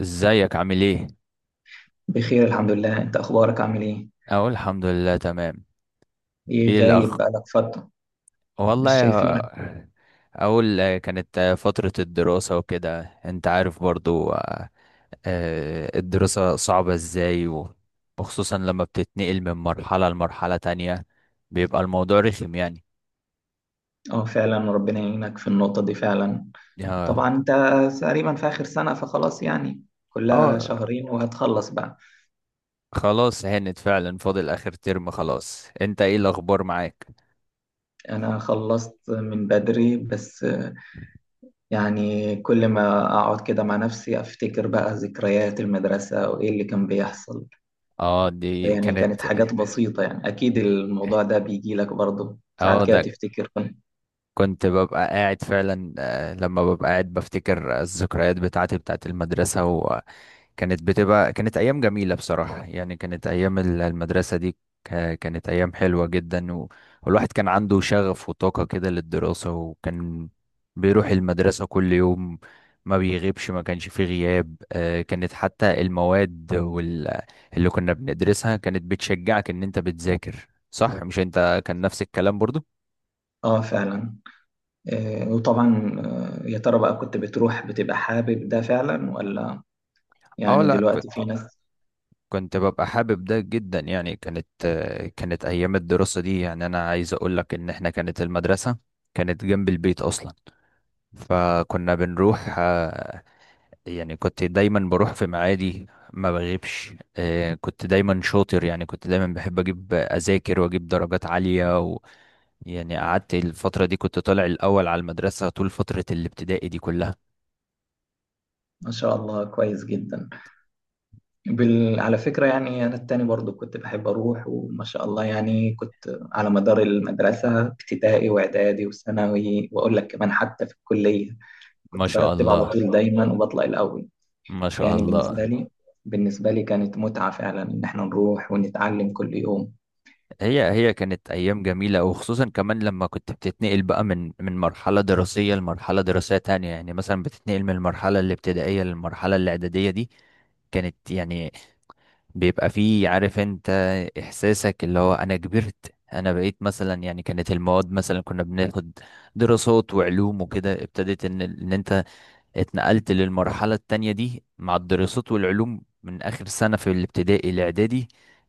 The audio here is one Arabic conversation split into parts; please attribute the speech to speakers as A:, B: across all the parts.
A: ازيك عامل ايه؟
B: بخير الحمد لله، انت اخبارك عامل ايه؟
A: اقول الحمد لله تمام.
B: ايه،
A: ايه
B: غايب
A: الاخ؟
B: بقالك فترة،
A: والله
B: مش شايفينك.
A: يا- اقول كانت فترة الدراسة وكده انت عارف برضو الدراسة صعبة ازاي وخصوصا لما بتتنقل من مرحلة لمرحلة تانية، بيبقى الموضوع رخم يعني.
B: اه فعلا، ربنا يعينك في النقطة دي فعلا.
A: اه.
B: طبعا انت تقريبا في اخر سنة، فخلاص يعني كلها
A: آه،
B: شهرين وهتخلص بقى.
A: خلاص هانت فعلا، فاضل اخر ترم خلاص. انت ايه الاخبار معاك؟
B: انا خلصت من بدري، بس يعني كل ما اقعد كده مع نفسي افتكر بقى ذكريات المدرسة وايه اللي كان بيحصل.
A: اه دي
B: يعني
A: كانت.
B: كانت حاجات بسيطة، يعني اكيد الموضوع ده بيجي لك برضه
A: اه
B: ساعات كده
A: ده
B: تفتكر كنت.
A: كنت ببقى قاعد فعلا، لما ببقى قاعد بفتكر الذكريات بتاعتي بتاعت المدرسة، وكانت بتبقى كانت أيام جميلة بصراحة، يعني كانت أيام المدرسة دي، كانت أيام حلوة جدا والواحد كان عنده شغف وطاقة كده للدراسة، وكان بيروح المدرسة كل يوم، ما بيغيبش، ما كانش فيه غياب. كانت حتى المواد اللي كنا بندرسها كانت بتشجعك إن أنت بتذاكر صح. مش أنت كان نفس الكلام برضو؟
B: اه فعلا. وطبعا، يا ترى بقى كنت بتروح بتبقى حابب ده فعلا ولا
A: اه
B: يعني
A: لا،
B: دلوقتي
A: كنت.
B: في ناس؟
A: كنت ببقى حابب ده جدا، يعني كانت كانت ايام الدراسة دي، يعني انا عايز اقول لك ان احنا كانت المدرسة كانت جنب البيت اصلا، فكنا بنروح، يعني كنت دايما بروح في معادي، ما بغيبش. كنت دايما شاطر، يعني كنت دايما بحب اجيب اذاكر واجيب درجات عالية، و يعني قعدت الفترة دي كنت طالع الاول على المدرسة طول فترة الابتدائي دي كلها.
B: ما شاء الله، كويس جدا. على فكرة، يعني أنا التاني برضو كنت بحب أروح، وما شاء الله يعني كنت على مدار المدرسة ابتدائي وإعدادي وثانوي، وأقول لك كمان حتى في الكلية
A: ما
B: كنت
A: شاء
B: برتب على
A: الله.
B: طول دايما وبطلع الأول.
A: ما شاء
B: يعني بالنسبة
A: الله.
B: لي بالنسبة لي كانت متعة فعلا إن إحنا نروح ونتعلم كل يوم.
A: هي هي كانت ايام جميله، وخصوصا كمان لما كنت بتتنقل بقى من مرحله دراسيه لمرحله دراسيه تانية. يعني مثلا بتتنقل من المرحله الابتدائيه للمرحله الاعداديه دي، كانت يعني بيبقى فيه عارف انت، احساسك اللي هو انا كبرت، انا بقيت مثلا. يعني كانت المواد مثلا كنا بناخد دراسات وعلوم وكده، ابتدت ان انت اتنقلت للمرحلة التانية دي مع الدراسات والعلوم من آخر سنة في الابتدائي الإعدادي،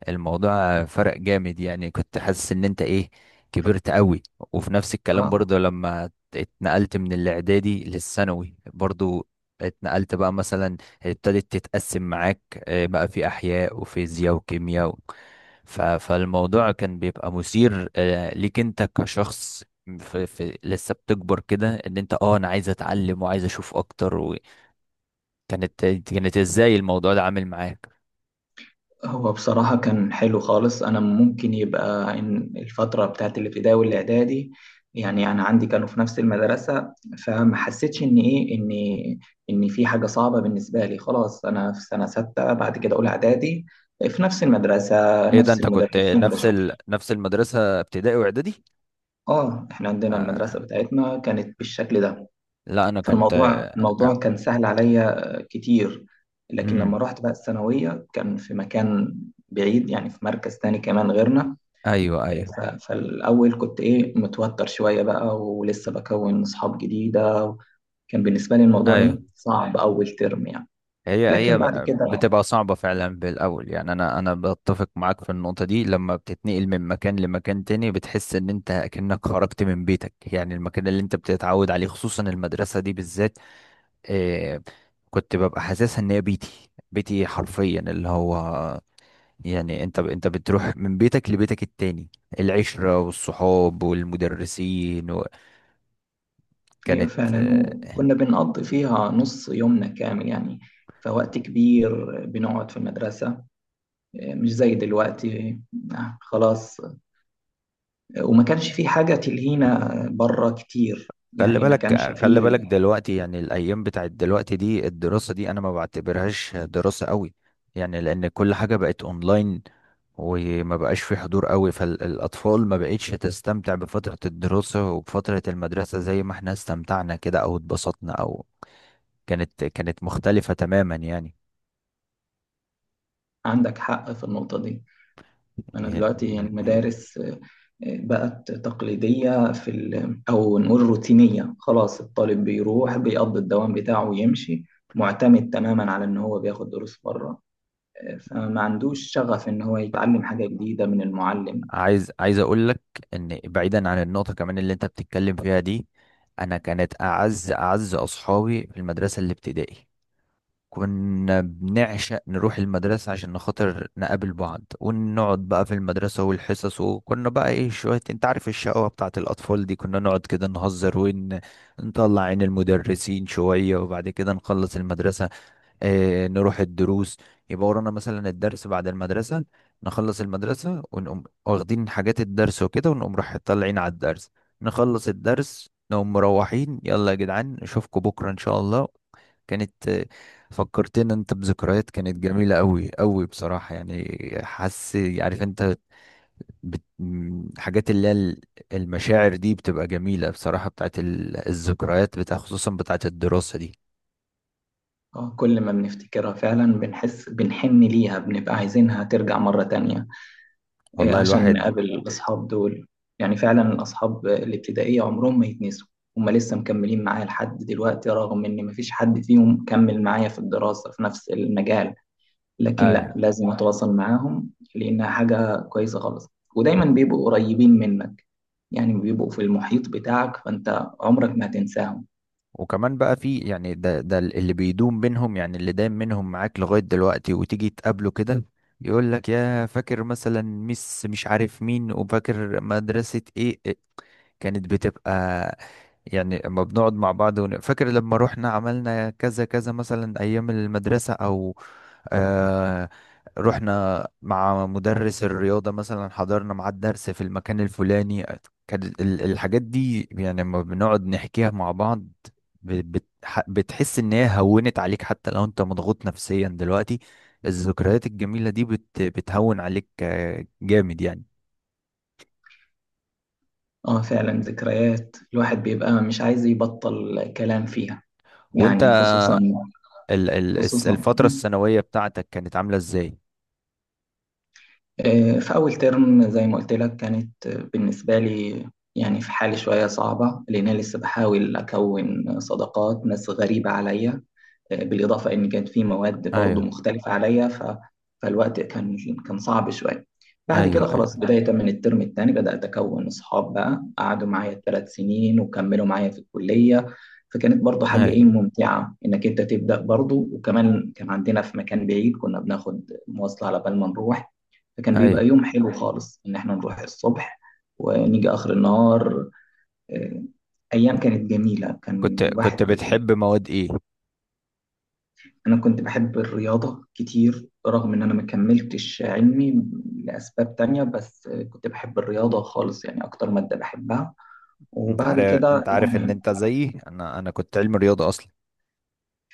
A: الموضوع فرق جامد. يعني كنت حاسس إن أنت إيه، كبرت قوي. وفي نفس الكلام
B: آه
A: برضه لما اتنقلت من الإعدادي للثانوي برضه، اتنقلت بقى مثلا، ابتدت تتقسم معاك بقى في أحياء وفيزياء وكيمياء فالموضوع كان بيبقى مثير ليك أنت كشخص في لسه بتكبر كده، ان انت اه انا عايز اتعلم وعايز اشوف اكتر. وكانت ازاي الموضوع ده عامل معاك؟
B: هو بصراحة كان حلو خالص. أنا ممكن يبقى إن الفترة بتاعت الابتدائي والإعدادي، يعني أنا عندي كانوا في نفس المدرسة، فما حسيتش إن إيه إن في حاجة صعبة بالنسبة لي. خلاص أنا في سنة ستة، بعد كده أولى إعدادي في نفس المدرسة
A: ايه ده،
B: نفس
A: انت كنت
B: المدرسين
A: نفس
B: بشوف.
A: نفس المدرسة ابتدائي واعدادي؟
B: إحنا عندنا المدرسة
A: آه.
B: بتاعتنا كانت بالشكل ده.
A: لا انا كنت.
B: فالموضوع
A: آه.
B: الموضوع كان سهل عليا كتير. لكن لما
A: امم
B: رحت بقى الثانوية كان في مكان بعيد، يعني في مركز تاني كمان غيرنا.
A: ايوه ايوه.
B: ف- فالأول كنت إيه متوتر شوية بقى، ولسه بكون أصحاب جديدة. كان بالنسبة لي الموضوع
A: ايوه.
B: إيه صعب أول ترم يعني.
A: هي هي
B: لكن
A: ب-
B: بعد كده،
A: بتبقى صعبة فعلا بالاول، يعني انا بتفق معاك في النقطة دي. لما بتتنقل من مكان لمكان تاني بتحس ان انت كأنك خرجت من بيتك، يعني المكان اللي انت بتتعود عليه، خصوصا المدرسة دي بالذات. آه، كنت ببقى حاسسها ان هي بيتي، بيتي حرفيا، اللي هو يعني انت بتروح من بيتك لبيتك التاني، العشرة والصحاب والمدرسين.
B: أيوة
A: وكانت
B: فعلا، وكنا بنقضي فيها نص يومنا كامل يعني. فوقت كبير بنقعد في المدرسة، مش زي دلوقتي. خلاص، وما كانش في حاجة تلهينا بره كتير،
A: خلي
B: يعني ما كانش
A: بالك،
B: فيه.
A: خلي بالك دلوقتي، يعني الايام بتاعت دلوقتي دي، الدراسة دي انا ما بعتبرهاش دراسة قوي، يعني لان كل حاجة بقت اونلاين، وما بقاش في حضور قوي، فالاطفال ما بقتش تستمتع بفترة الدراسة وبفترة المدرسة زي ما احنا استمتعنا كده، او اتبسطنا او كانت مختلفة تماما يعني.
B: عندك حق في النقطة دي. أنا دلوقتي يعني المدارس بقت تقليدية، أو نقول روتينية. خلاص الطالب بيروح بيقضي الدوام بتاعه ويمشي، معتمد تماما على إن هو بياخد دروس بره، فما عندوش شغف إن هو يتعلم حاجة جديدة من المعلم.
A: عايز اقول لك ان، بعيدا عن النقطة كمان اللي انت بتتكلم فيها دي، انا كانت اعز اصحابي في المدرسة الابتدائي، كنا بنعشق نروح المدرسة عشان نخاطر نقابل بعض ونقعد بقى في المدرسة والحصص، وكنا بقى ايه، شوية انت عارف الشقاوة بتاعة الأطفال دي، كنا نقعد كده نهزر ونطلع عين المدرسين شوية، وبعد كده نخلص المدرسة، نروح الدروس، يبقى ورانا مثلا الدرس بعد المدرسة، نخلص المدرسة ونقوم واخدين حاجات الدرس وكده ونقوم رايح طالعين على الدرس، نخلص الدرس نقوم مروحين، يلا يا جدعان نشوفكم بكرة إن شاء الله. كانت فكرتنا انت بذكريات كانت جميلة قوي قوي بصراحة يعني. حاسس عارف انت، حاجات اللي هي المشاعر دي بتبقى جميلة بصراحة، بتاعت الذكريات، بتاع خصوصا بتاعت الدراسة دي.
B: كل ما بنفتكرها فعلا بنحس بنحن ليها، بنبقى عايزينها ترجع مرة تانية،
A: والله
B: عشان
A: الواحد.
B: نقابل الأصحاب دول. يعني فعلا الأصحاب الابتدائية عمرهم ما يتنسوا. هما لسه مكملين معايا لحد دلوقتي، رغم إن مفيش حد فيهم كمل معايا في الدراسة في نفس المجال، لكن لا
A: آه،
B: لازم اتواصل معاهم لانها حاجه كويسه خالص. ودايما بيبقوا قريبين منك، يعني بيبقوا في المحيط بتاعك، فانت عمرك ما هتنساهم.
A: وكمان بقى في يعني ده اللي بيدوم بينهم، يعني اللي دايم منهم معاك لغاية دلوقتي، وتيجي تقابله كده يقول لك يا فاكر مثلا ميس مش عارف مين، وفاكر مدرسة ايه إيه، كانت بتبقى. يعني لما بنقعد مع بعض فاكر لما رحنا عملنا كذا كذا مثلا ايام المدرسة، او آه رحنا مع مدرس الرياضة مثلا حضرنا معاه الدرس في المكان الفلاني، كانت الحاجات دي يعني، لما بنقعد نحكيها مع بعض بتحس ان هي هونت عليك، حتى لو انت مضغوط نفسيا دلوقتي الذكريات الجميلة دي بتهون عليك جامد يعني.
B: اه فعلا، ذكريات الواحد بيبقى مش عايز يبطل كلام فيها.
A: وانت
B: يعني خصوصا خصوصا
A: الفترة الثانوية بتاعتك كانت عاملة ازاي؟
B: في اول ترم زي ما قلت لك كانت، بالنسبه لي يعني في حالة شوية صعبة، لأن أنا لسه بحاول أكون صداقات ناس غريبة عليا، بالإضافة إن كانت في مواد برضو
A: ايوه
B: مختلفة عليا. فالوقت كان صعب شوية. بعد
A: ايوه
B: كده خلاص
A: ايوه
B: بداية من الترم الثاني بدأت أكون أصحاب، بقى قعدوا معايا 3 سنين وكملوا معايا في الكلية. فكانت برضو حاجة إيه
A: ايوه
B: ممتعة إنك أنت تبدأ برضو، وكمان كان عندنا في مكان بعيد كنا بناخد مواصلة على بال ما نروح. فكان
A: ايوه.
B: بيبقى يوم حلو خالص إن إحنا نروح الصبح ونيجي آخر النهار. آه، أيام كانت جميلة كان
A: كنت
B: الواحد.
A: كنت بتحب مواد ايه؟
B: أنا كنت بحب الرياضة كتير، رغم إن أنا ما كملتش علمي لأسباب تانية، بس كنت بحب الرياضة خالص، يعني أكتر مادة بحبها.
A: انت
B: وبعد
A: عارف،
B: كده
A: انت عارف ان
B: يعني،
A: انت زيي، انا كنت علم رياضه اصلا،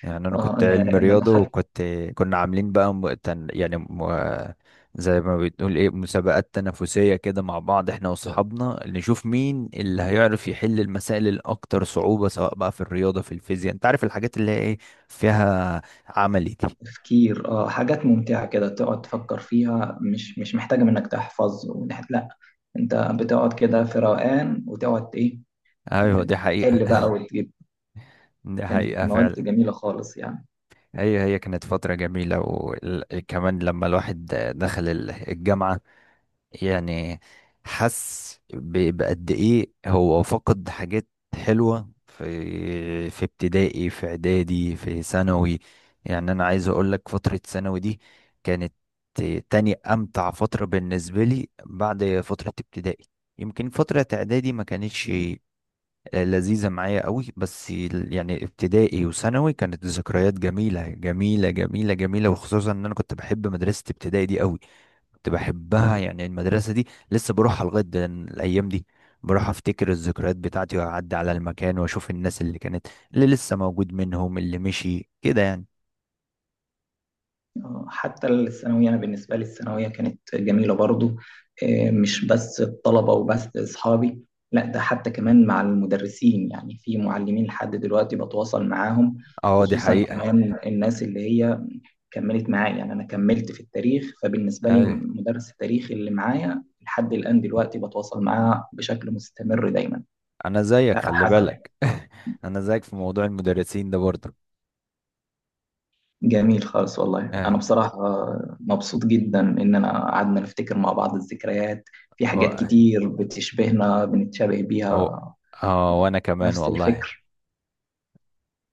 A: يعني انا كنت
B: أنا
A: علم
B: لما
A: رياضه،
B: دخلت.
A: وكنت كنا عاملين بقى م... تن... يعني م... زي ما بتقول ايه، مسابقات تنافسيه كده مع بعض، احنا واصحابنا اللي نشوف مين اللي هيعرف يحل المسائل الاكتر صعوبه، سواء بقى في الرياضه في الفيزياء، انت عارف الحاجات اللي هي ايه، فيها عملي دي.
B: تفكير، حاجات ممتعة كده تقعد تفكر فيها، مش محتاجة منك تحفظ ونحت، لا. أنت بتقعد كده في روقان وتقعد إيه،
A: ايوه
B: آه،
A: دي حقيقه.
B: تحل بقى وتجيب.
A: دي
B: كانت
A: حقيقه
B: مواد
A: فعلا.
B: جميلة خالص يعني.
A: هي هي كانت فتره جميله، وكمان لما الواحد دخل الجامعه يعني حس بقد ايه هو فقد حاجات حلوة في في ابتدائي في اعدادي في ثانوي. يعني انا عايز اقول لك فترة ثانوي دي كانت تاني امتع فترة بالنسبة لي بعد فترة ابتدائي. يمكن فترة اعدادي ما كانتش لذيذة معايا قوي، بس يعني ابتدائي وثانوي كانت ذكريات جميلة جميلة جميلة جميلة، وخصوصا ان انا كنت بحب مدرسة ابتدائي دي قوي، كنت بحبها يعني. المدرسة دي لسه بروحها لغاية الأيام دي، بروح أفتكر الذكريات بتاعتي، وأعدي على المكان وأشوف الناس اللي كانت، اللي لسه موجود منهم، اللي مشي كده يعني.
B: حتى الثانوية أنا بالنسبة لي الثانوية كانت جميلة برضو. مش بس الطلبة وبس أصحابي، لا، ده حتى كمان مع المدرسين، يعني في معلمين لحد دلوقتي بتواصل معاهم.
A: اه دي
B: خصوصا
A: حقيقة.
B: كمان الناس اللي هي كملت معايا، يعني أنا كملت في التاريخ، فبالنسبة لي
A: أيوة،
B: مدرس التاريخ اللي معايا لحد الآن دلوقتي بتواصل معاه بشكل مستمر دايما.
A: أنا زيك خلي
B: فحاجة
A: بالك. أنا زيك في موضوع المدرسين ده برضه.
B: جميل خالص، والله أنا
A: اه.
B: بصراحة مبسوط جدا إن أنا قعدنا نفتكر مع بعض الذكريات. في حاجات
A: اه.
B: كتير بتشبهنا بنتشابه
A: اه.
B: بيها،
A: آه، وأنا كمان
B: نفس
A: والله.
B: الفكر.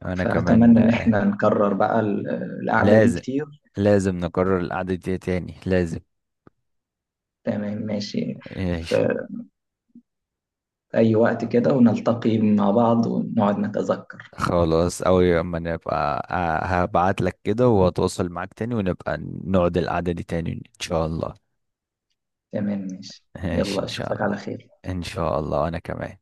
A: أنا كمان
B: فأتمنى إن
A: آه،
B: إحنا نكرر بقى القعدة دي
A: لازم.
B: كتير.
A: لازم نكرر القعدة دي تاني، لازم.
B: تمام ماشي،
A: ماشي.
B: في أي وقت كده ونلتقي مع بعض ونقعد نتذكر.
A: خلاص أوي، أما نبقى هبعت لك كده وأتواصل معاك تاني، ونبقى نقعد القعدة دي تاني إن شاء الله.
B: تمام ماشي،
A: ماشي
B: يلا
A: إن شاء
B: أشوفك على
A: الله.
B: خير.
A: إن شاء الله. أنا كمان.